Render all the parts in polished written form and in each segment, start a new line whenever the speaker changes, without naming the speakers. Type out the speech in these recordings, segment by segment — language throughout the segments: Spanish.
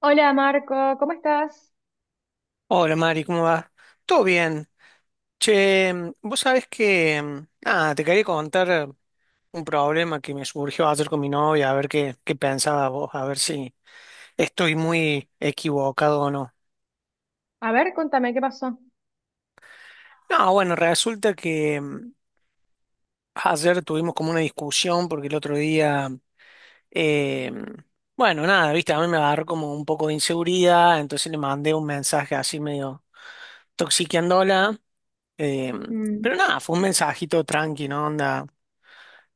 Hola Marco, ¿cómo estás?
Hola Mari, ¿cómo vas? Todo bien. Che, vos sabés que, nada, te quería contar un problema que me surgió ayer con mi novia, a ver qué pensaba vos, a ver si estoy muy equivocado o no.
A ver, contame qué pasó.
No, bueno, resulta que ayer tuvimos como una discusión porque el otro día Eh, bueno, nada, viste, a mí me agarró como un poco de inseguridad, entonces le mandé un mensaje así medio toxiqueándola. eh,
Mm,
pero nada, fue un mensajito tranqui, ¿no? Onda,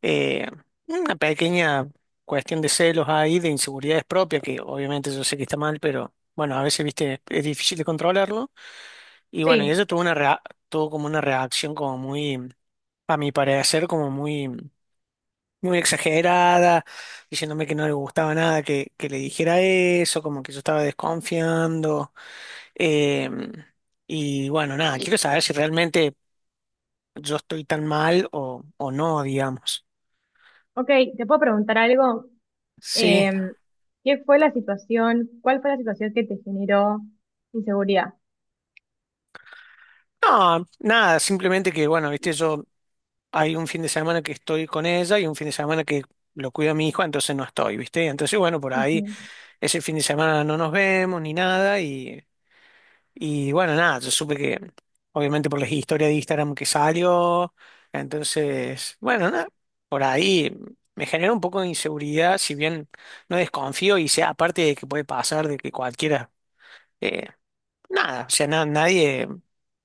eh, una pequeña cuestión de celos ahí, de inseguridades propias, que obviamente yo sé que está mal, pero bueno, a veces, viste, es difícil de controlarlo. Y bueno, y
sí,
ella tuvo tuvo como una reacción como muy, a mi parecer, como muy muy exagerada, diciéndome que no le gustaba nada que, le dijera eso, como que yo estaba desconfiando. Eh, y bueno, nada, quiero saber si realmente yo estoy tan mal o, no, digamos.
ok, te puedo preguntar algo.
Sí,
Eh, ¿Qué fue la situación? ¿Cuál fue la situación que te generó inseguridad?
no, nada, simplemente que, bueno, viste, yo hay un fin de semana que estoy con ella y un fin de semana que lo cuido a mi hijo, entonces no estoy, viste. Entonces, bueno, por ahí
Ujú.
ese fin de semana no nos vemos ni nada. Y Y bueno, nada, yo supe que, obviamente por las historias de Instagram que salió, entonces, bueno, nada, por ahí me genera un poco de inseguridad, si bien no desconfío y sea aparte de que puede pasar, de que cualquiera, eh, nada, o sea, nadie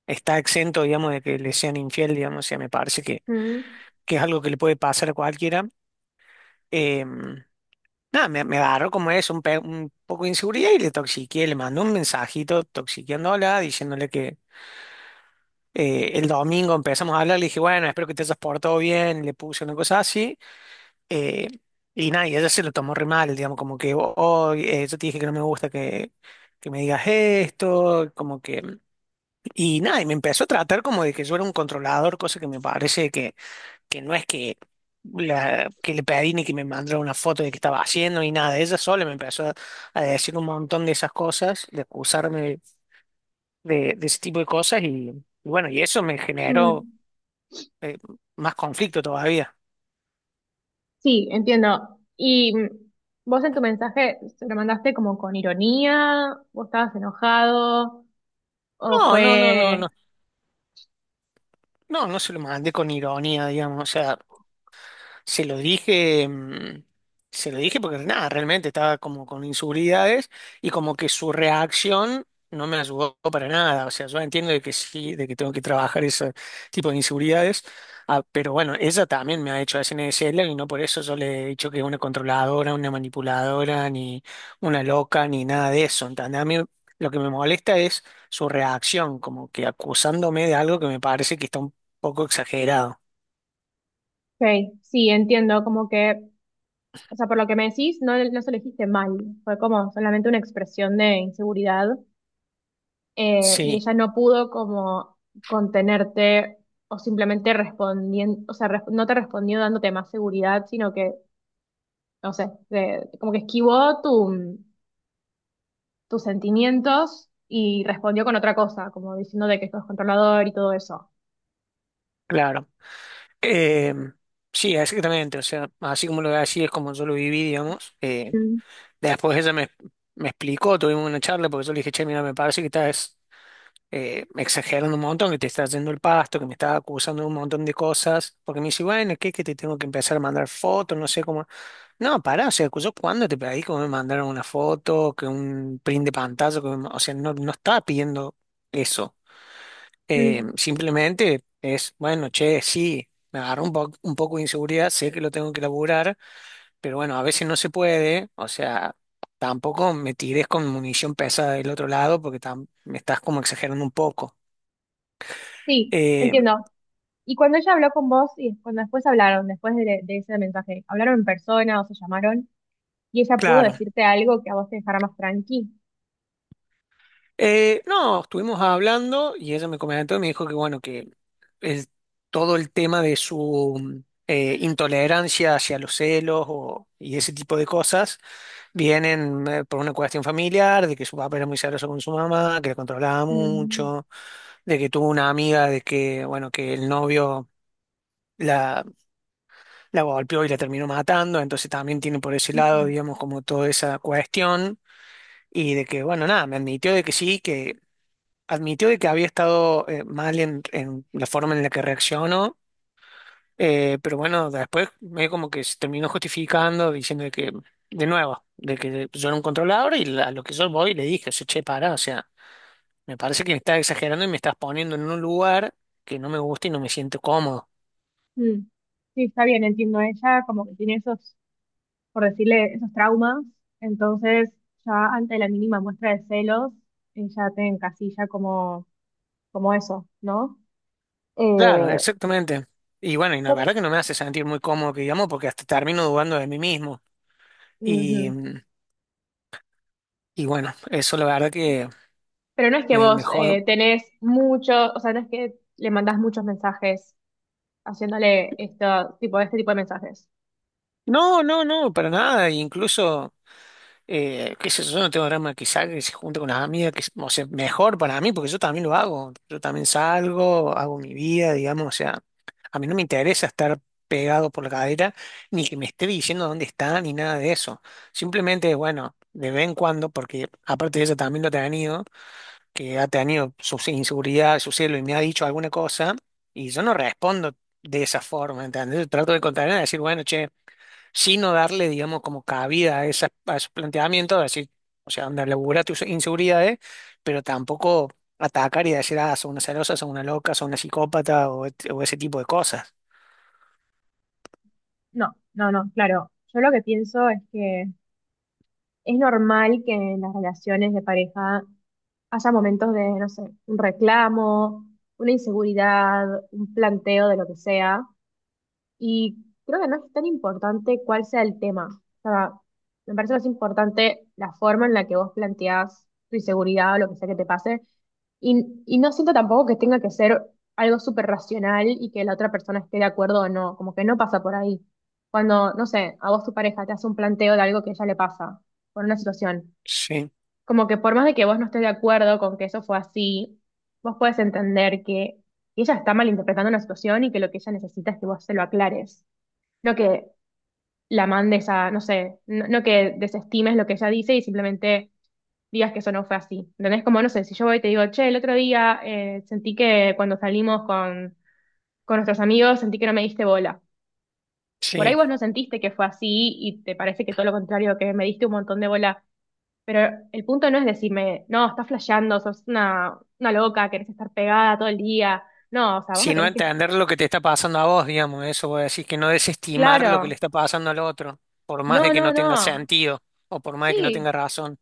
está exento, digamos, de que le sean infiel, digamos, o sea, me parece que,
Mm,
es algo que le puede pasar a cualquiera. Eh, Nada, me agarró como es, un poco de inseguridad y le toxiqué, le mandé un mensajito toxiqueándola, diciéndole que el domingo empezamos a hablar, le dije, bueno, espero que te hayas portado bien, le puse una cosa así. eh, y nada, y ella se lo tomó re mal, digamos, como que, oh, yo te dije que no me gusta que, me digas esto, como que... Y nada, y me empezó a tratar como de que yo era un controlador, cosa que me parece que, no es que, que le pedí ni que me mandara una foto de qué estaba haciendo ni nada. Ella sola me empezó a decir un montón de esas cosas, de acusarme de ese tipo de cosas y bueno, y eso me generó
mm,
eh, más conflicto todavía.
sí, entiendo. Vos en tu mensaje se lo mandaste como con ironía, vos estabas enojado, o
No, no, no, no,
fue...
no. No, no se lo mandé con ironía, digamos. O sea, se lo dije, se lo dije porque nada, realmente estaba como con inseguridades y como que su reacción no me ayudó para nada. O sea, yo entiendo de que sí, de que tengo que trabajar ese tipo de inseguridades, ah, pero bueno, ella también me ha hecho SNSL y no por eso yo le he dicho que es una controladora, una manipuladora, ni una loca, ni nada de eso. ¿Entendés? A mí lo que me molesta es su reacción, como que acusándome de algo que me parece que está un poco exagerado.
Ok, sí, entiendo, como que. O sea, por lo que me decís, no, no se lo dijiste mal, fue como solamente una expresión de inseguridad, y
Sí,
ella no pudo como contenerte o simplemente respondiendo, o sea, no te respondió dándote más seguridad, sino que, no sé, como que esquivó tu, tus sentimientos y respondió con otra cosa, como diciendo de que sos controlador y todo eso.
claro. Eh, sí, exactamente. O sea, así como lo así es como yo lo viví, digamos.
Mm,
Después ella me explicó, tuvimos una charla porque yo le dije, che, mira, me parece que estás exagerando un montón, que te estás yendo el pasto, que me estás acusando de un montón de cosas. Porque me dice, bueno, ¿qué? Que te tengo que empezar a mandar fotos, no sé cómo. No, pará, o sea, yo cuando te pedí que me mandaron una foto, que un print de pantalla, que me o sea, no, no estaba pidiendo eso.
mm.
Simplemente es, bueno, che, sí, me agarró un poco de inseguridad, sé que lo tengo que laburar, pero bueno, a veces no se puede, o sea, tampoco me tires con munición pesada del otro lado porque me estás como exagerando un poco.
Sí,
Eh,
entiendo. Y cuando ella habló con vos y cuando después hablaron, después de ese mensaje, ¿hablaron en persona o se llamaron? Y ella pudo
claro.
decirte algo que a vos te dejara más tranqui.
No, estuvimos hablando y ella me comentó y me dijo que bueno, que el- todo el tema de su intolerancia hacia los celos y ese tipo de cosas vienen por una cuestión familiar, de que su papá era muy celoso con su mamá, que la controlaba
Mm,
mucho, de que tuvo una amiga de que, bueno, que el novio la, la golpeó y la terminó matando, entonces también tiene por ese lado,
mm,
digamos, como toda esa cuestión. Y de que, bueno, nada, me admitió de que sí, admitió de que había estado mal en la forma en la que reaccionó, pero bueno, después medio como que se terminó justificando, diciendo de que, de nuevo, de que yo era un controlador y a lo que yo voy le dije, o sea, che, para, o sea, me parece que me estás exagerando y me estás poniendo en un lugar que no me gusta y no me siento cómodo.
mm. Sí, está bien, entiendo. Ella como que tiene esos, por decirle, esos traumas. Entonces, ya ante la mínima muestra de celos, ella te encasilla como, como eso, ¿no?
Claro,
Eh,
exactamente. Y bueno, y la
yo.
verdad que no me hace sentir muy cómodo, que digamos, porque hasta termino dudando de mí mismo. Y,
Ujú.
y bueno, eso la verdad que
Pero no es que
me
vos
jode.
tenés mucho, o sea, no es que le mandás muchos mensajes haciéndole esto, tipo, este tipo de mensajes.
No, no, no, para nada. Incluso qué sé yo, yo no tengo drama que salga, que se junte con las amigas, que, o sea, mejor para mí, porque yo también lo hago. Yo también salgo, hago mi vida, digamos, o sea, a mí no me interesa estar pegado por la cadera, ni que me esté diciendo dónde está, ni nada de eso. Simplemente, bueno, de vez en cuando, porque aparte de ella también lo ha tenido, que ha tenido sus inseguridades, su celo, y me ha dicho alguna cosa, y yo no respondo de esa forma, ¿entendés? Yo trato de contarle, de decir, bueno, che sino darle, digamos, como cabida a, esa, a esos planteamientos, de decir, o sea, anda, labura tus inseguridades, pero tampoco atacar y decir, ah, son una celosa, son una loca, son una psicópata o ese tipo de cosas.
No, no, no, claro. Yo lo que pienso es que es normal que en las relaciones de pareja haya momentos de, no sé, un reclamo, una inseguridad, un planteo de lo que sea. Y creo que no es tan importante cuál sea el tema. O sea, me parece más importante la forma en la que vos planteás tu inseguridad o lo que sea que te pase. Y no siento tampoco que tenga que ser algo súper racional y que la otra persona esté de acuerdo o no. Como que no pasa por ahí. Cuando, no sé, a vos tu pareja te hace un planteo de algo que a ella le pasa por una situación,
Sí,
como que por más de que vos no estés de acuerdo con que eso fue así, vos puedes entender que ella está malinterpretando una situación y que lo que ella necesita es que vos se lo aclares. No que la mandes a, no sé, no, no que desestimes lo que ella dice y simplemente digas que eso no fue así. ¿Entendés? Como, no sé, si yo voy y te digo, che, el otro día sentí que cuando salimos con nuestros amigos sentí que no me diste bola. Por ahí
sí.
vos no sentiste que fue así y te parece que todo lo contrario, que me diste un montón de bola, pero el punto no es decirme, no, estás flasheando, sos una loca, querés estar pegada todo el día. No, o sea, vos
Si
me
no
tenés que...
entender lo que te está pasando a vos, digamos, eso voy a decir, que no desestimar lo que le
Claro,
está pasando al otro, por más
no,
de que
no,
no tenga
no.
sentido o por más de que no tenga
Sí,
razón.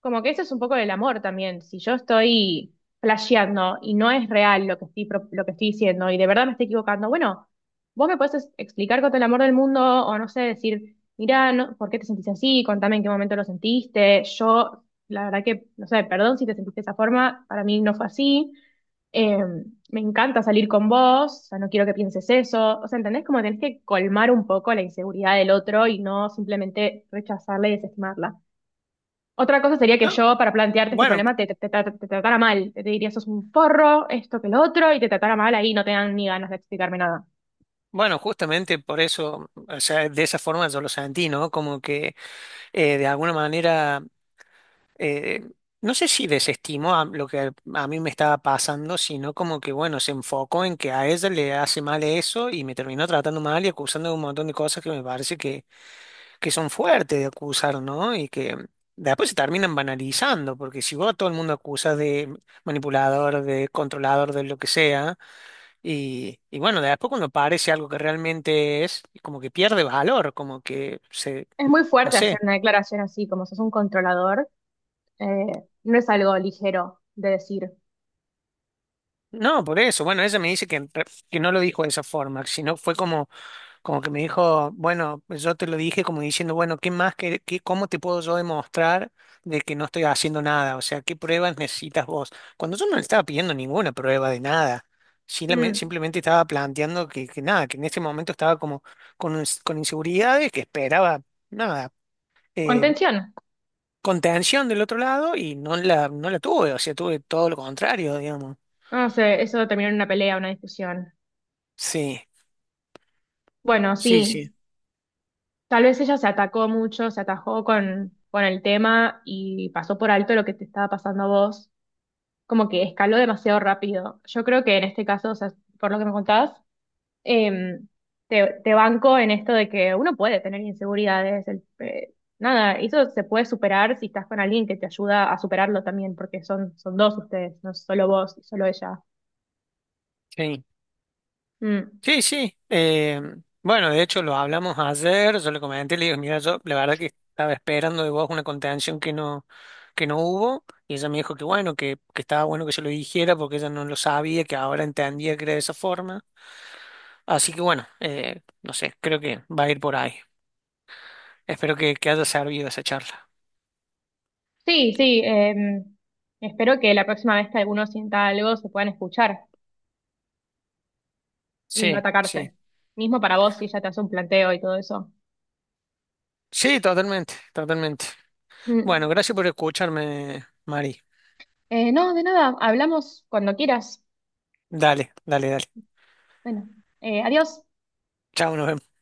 como que eso es un poco del amor también. Si yo estoy flasheando y no es real lo que estoy, lo que estoy diciendo y de verdad me estoy equivocando, bueno, vos me podés explicar con todo el amor del mundo, o no sé, decir, mira, no, ¿por qué te sentís así? Contame en qué momento lo sentiste. Yo, la verdad que, no sé, perdón si te sentiste de esa forma, para mí no fue así. Eh, me encanta salir con vos, o sea, no quiero que pienses eso. O sea, ¿entendés? Como tenés que colmar un poco la inseguridad del otro y no simplemente rechazarla y desestimarla. Otra cosa sería que
No,
yo, para plantearte este
bueno,
problema, te, te tratara mal. Te diría, sos un forro, esto que lo otro, y te tratara mal ahí, no te dan ni ganas de explicarme nada.
bueno, justamente por eso, o sea, de esa forma yo lo sentí, ¿no? Como que de alguna manera eh, no sé si desestimó a lo que a mí me estaba pasando, sino como que, bueno, se enfocó en que a ella le hace mal eso y me terminó tratando mal y acusando de un montón de cosas que me parece que, son fuertes de acusar, ¿no? Y que después se terminan banalizando, porque si vos a todo el mundo acusas de manipulador, de controlador, de lo que sea, y bueno, después cuando parece algo que realmente es, como que pierde valor, como que se,
Es muy
no
fuerte hacer
sé.
una declaración así, como sos un controlador, no es algo ligero de decir.
No, por eso. Bueno, ella me dice que, que no lo dijo de esa forma, sino fue como, como que me dijo, bueno, pues yo te lo dije como diciendo, bueno, ¿qué más, que qué, cómo te puedo yo demostrar de que no estoy haciendo nada? O sea, ¿qué pruebas necesitas vos? Cuando yo no le estaba pidiendo ninguna prueba de nada,
Mm.
simplemente estaba planteando que, nada, que en ese momento estaba como con inseguridades, que esperaba nada. eh,
Contención.
Contención del otro lado y no la tuve, o sea, tuve todo lo contrario, digamos.
No sé, eso terminó en una pelea, una discusión.
Sí,
Bueno,
sí, sí.
sí, tal vez ella se atacó mucho, se atajó con el tema y pasó por alto lo que te estaba pasando a vos. Como que escaló demasiado rápido. Yo creo que en este caso, o sea, por lo que me contabas, em, te, te banco en esto de que uno puede tener inseguridades. Nada, eso se puede superar si estás con alguien que te ayuda a superarlo también, porque son, son dos ustedes, no solo vos y solo ella.
Sí.
Mm.
Sí, sí. Bueno, de hecho lo hablamos ayer, yo le comenté, le digo, mira, yo la verdad que estaba esperando de vos una contención que no hubo, y ella me dijo que bueno, que, estaba bueno que yo lo dijera porque ella no lo sabía, que ahora entendía que era de esa forma. Así que bueno, no sé, creo que va a ir por ahí. Espero que, haya servido esa charla.
Sí, sí, espero que la próxima vez que alguno sienta algo se puedan escuchar y no
Sí, sí.
atacarse. Mismo para vos si ella te hace un planteo y todo eso.
Sí, totalmente, totalmente. Bueno,
Mm.
gracias por escucharme, Mari.
No, de nada, hablamos cuando quieras.
Dale, dale, dale.
Bueno, adiós.
Chao, nos vemos.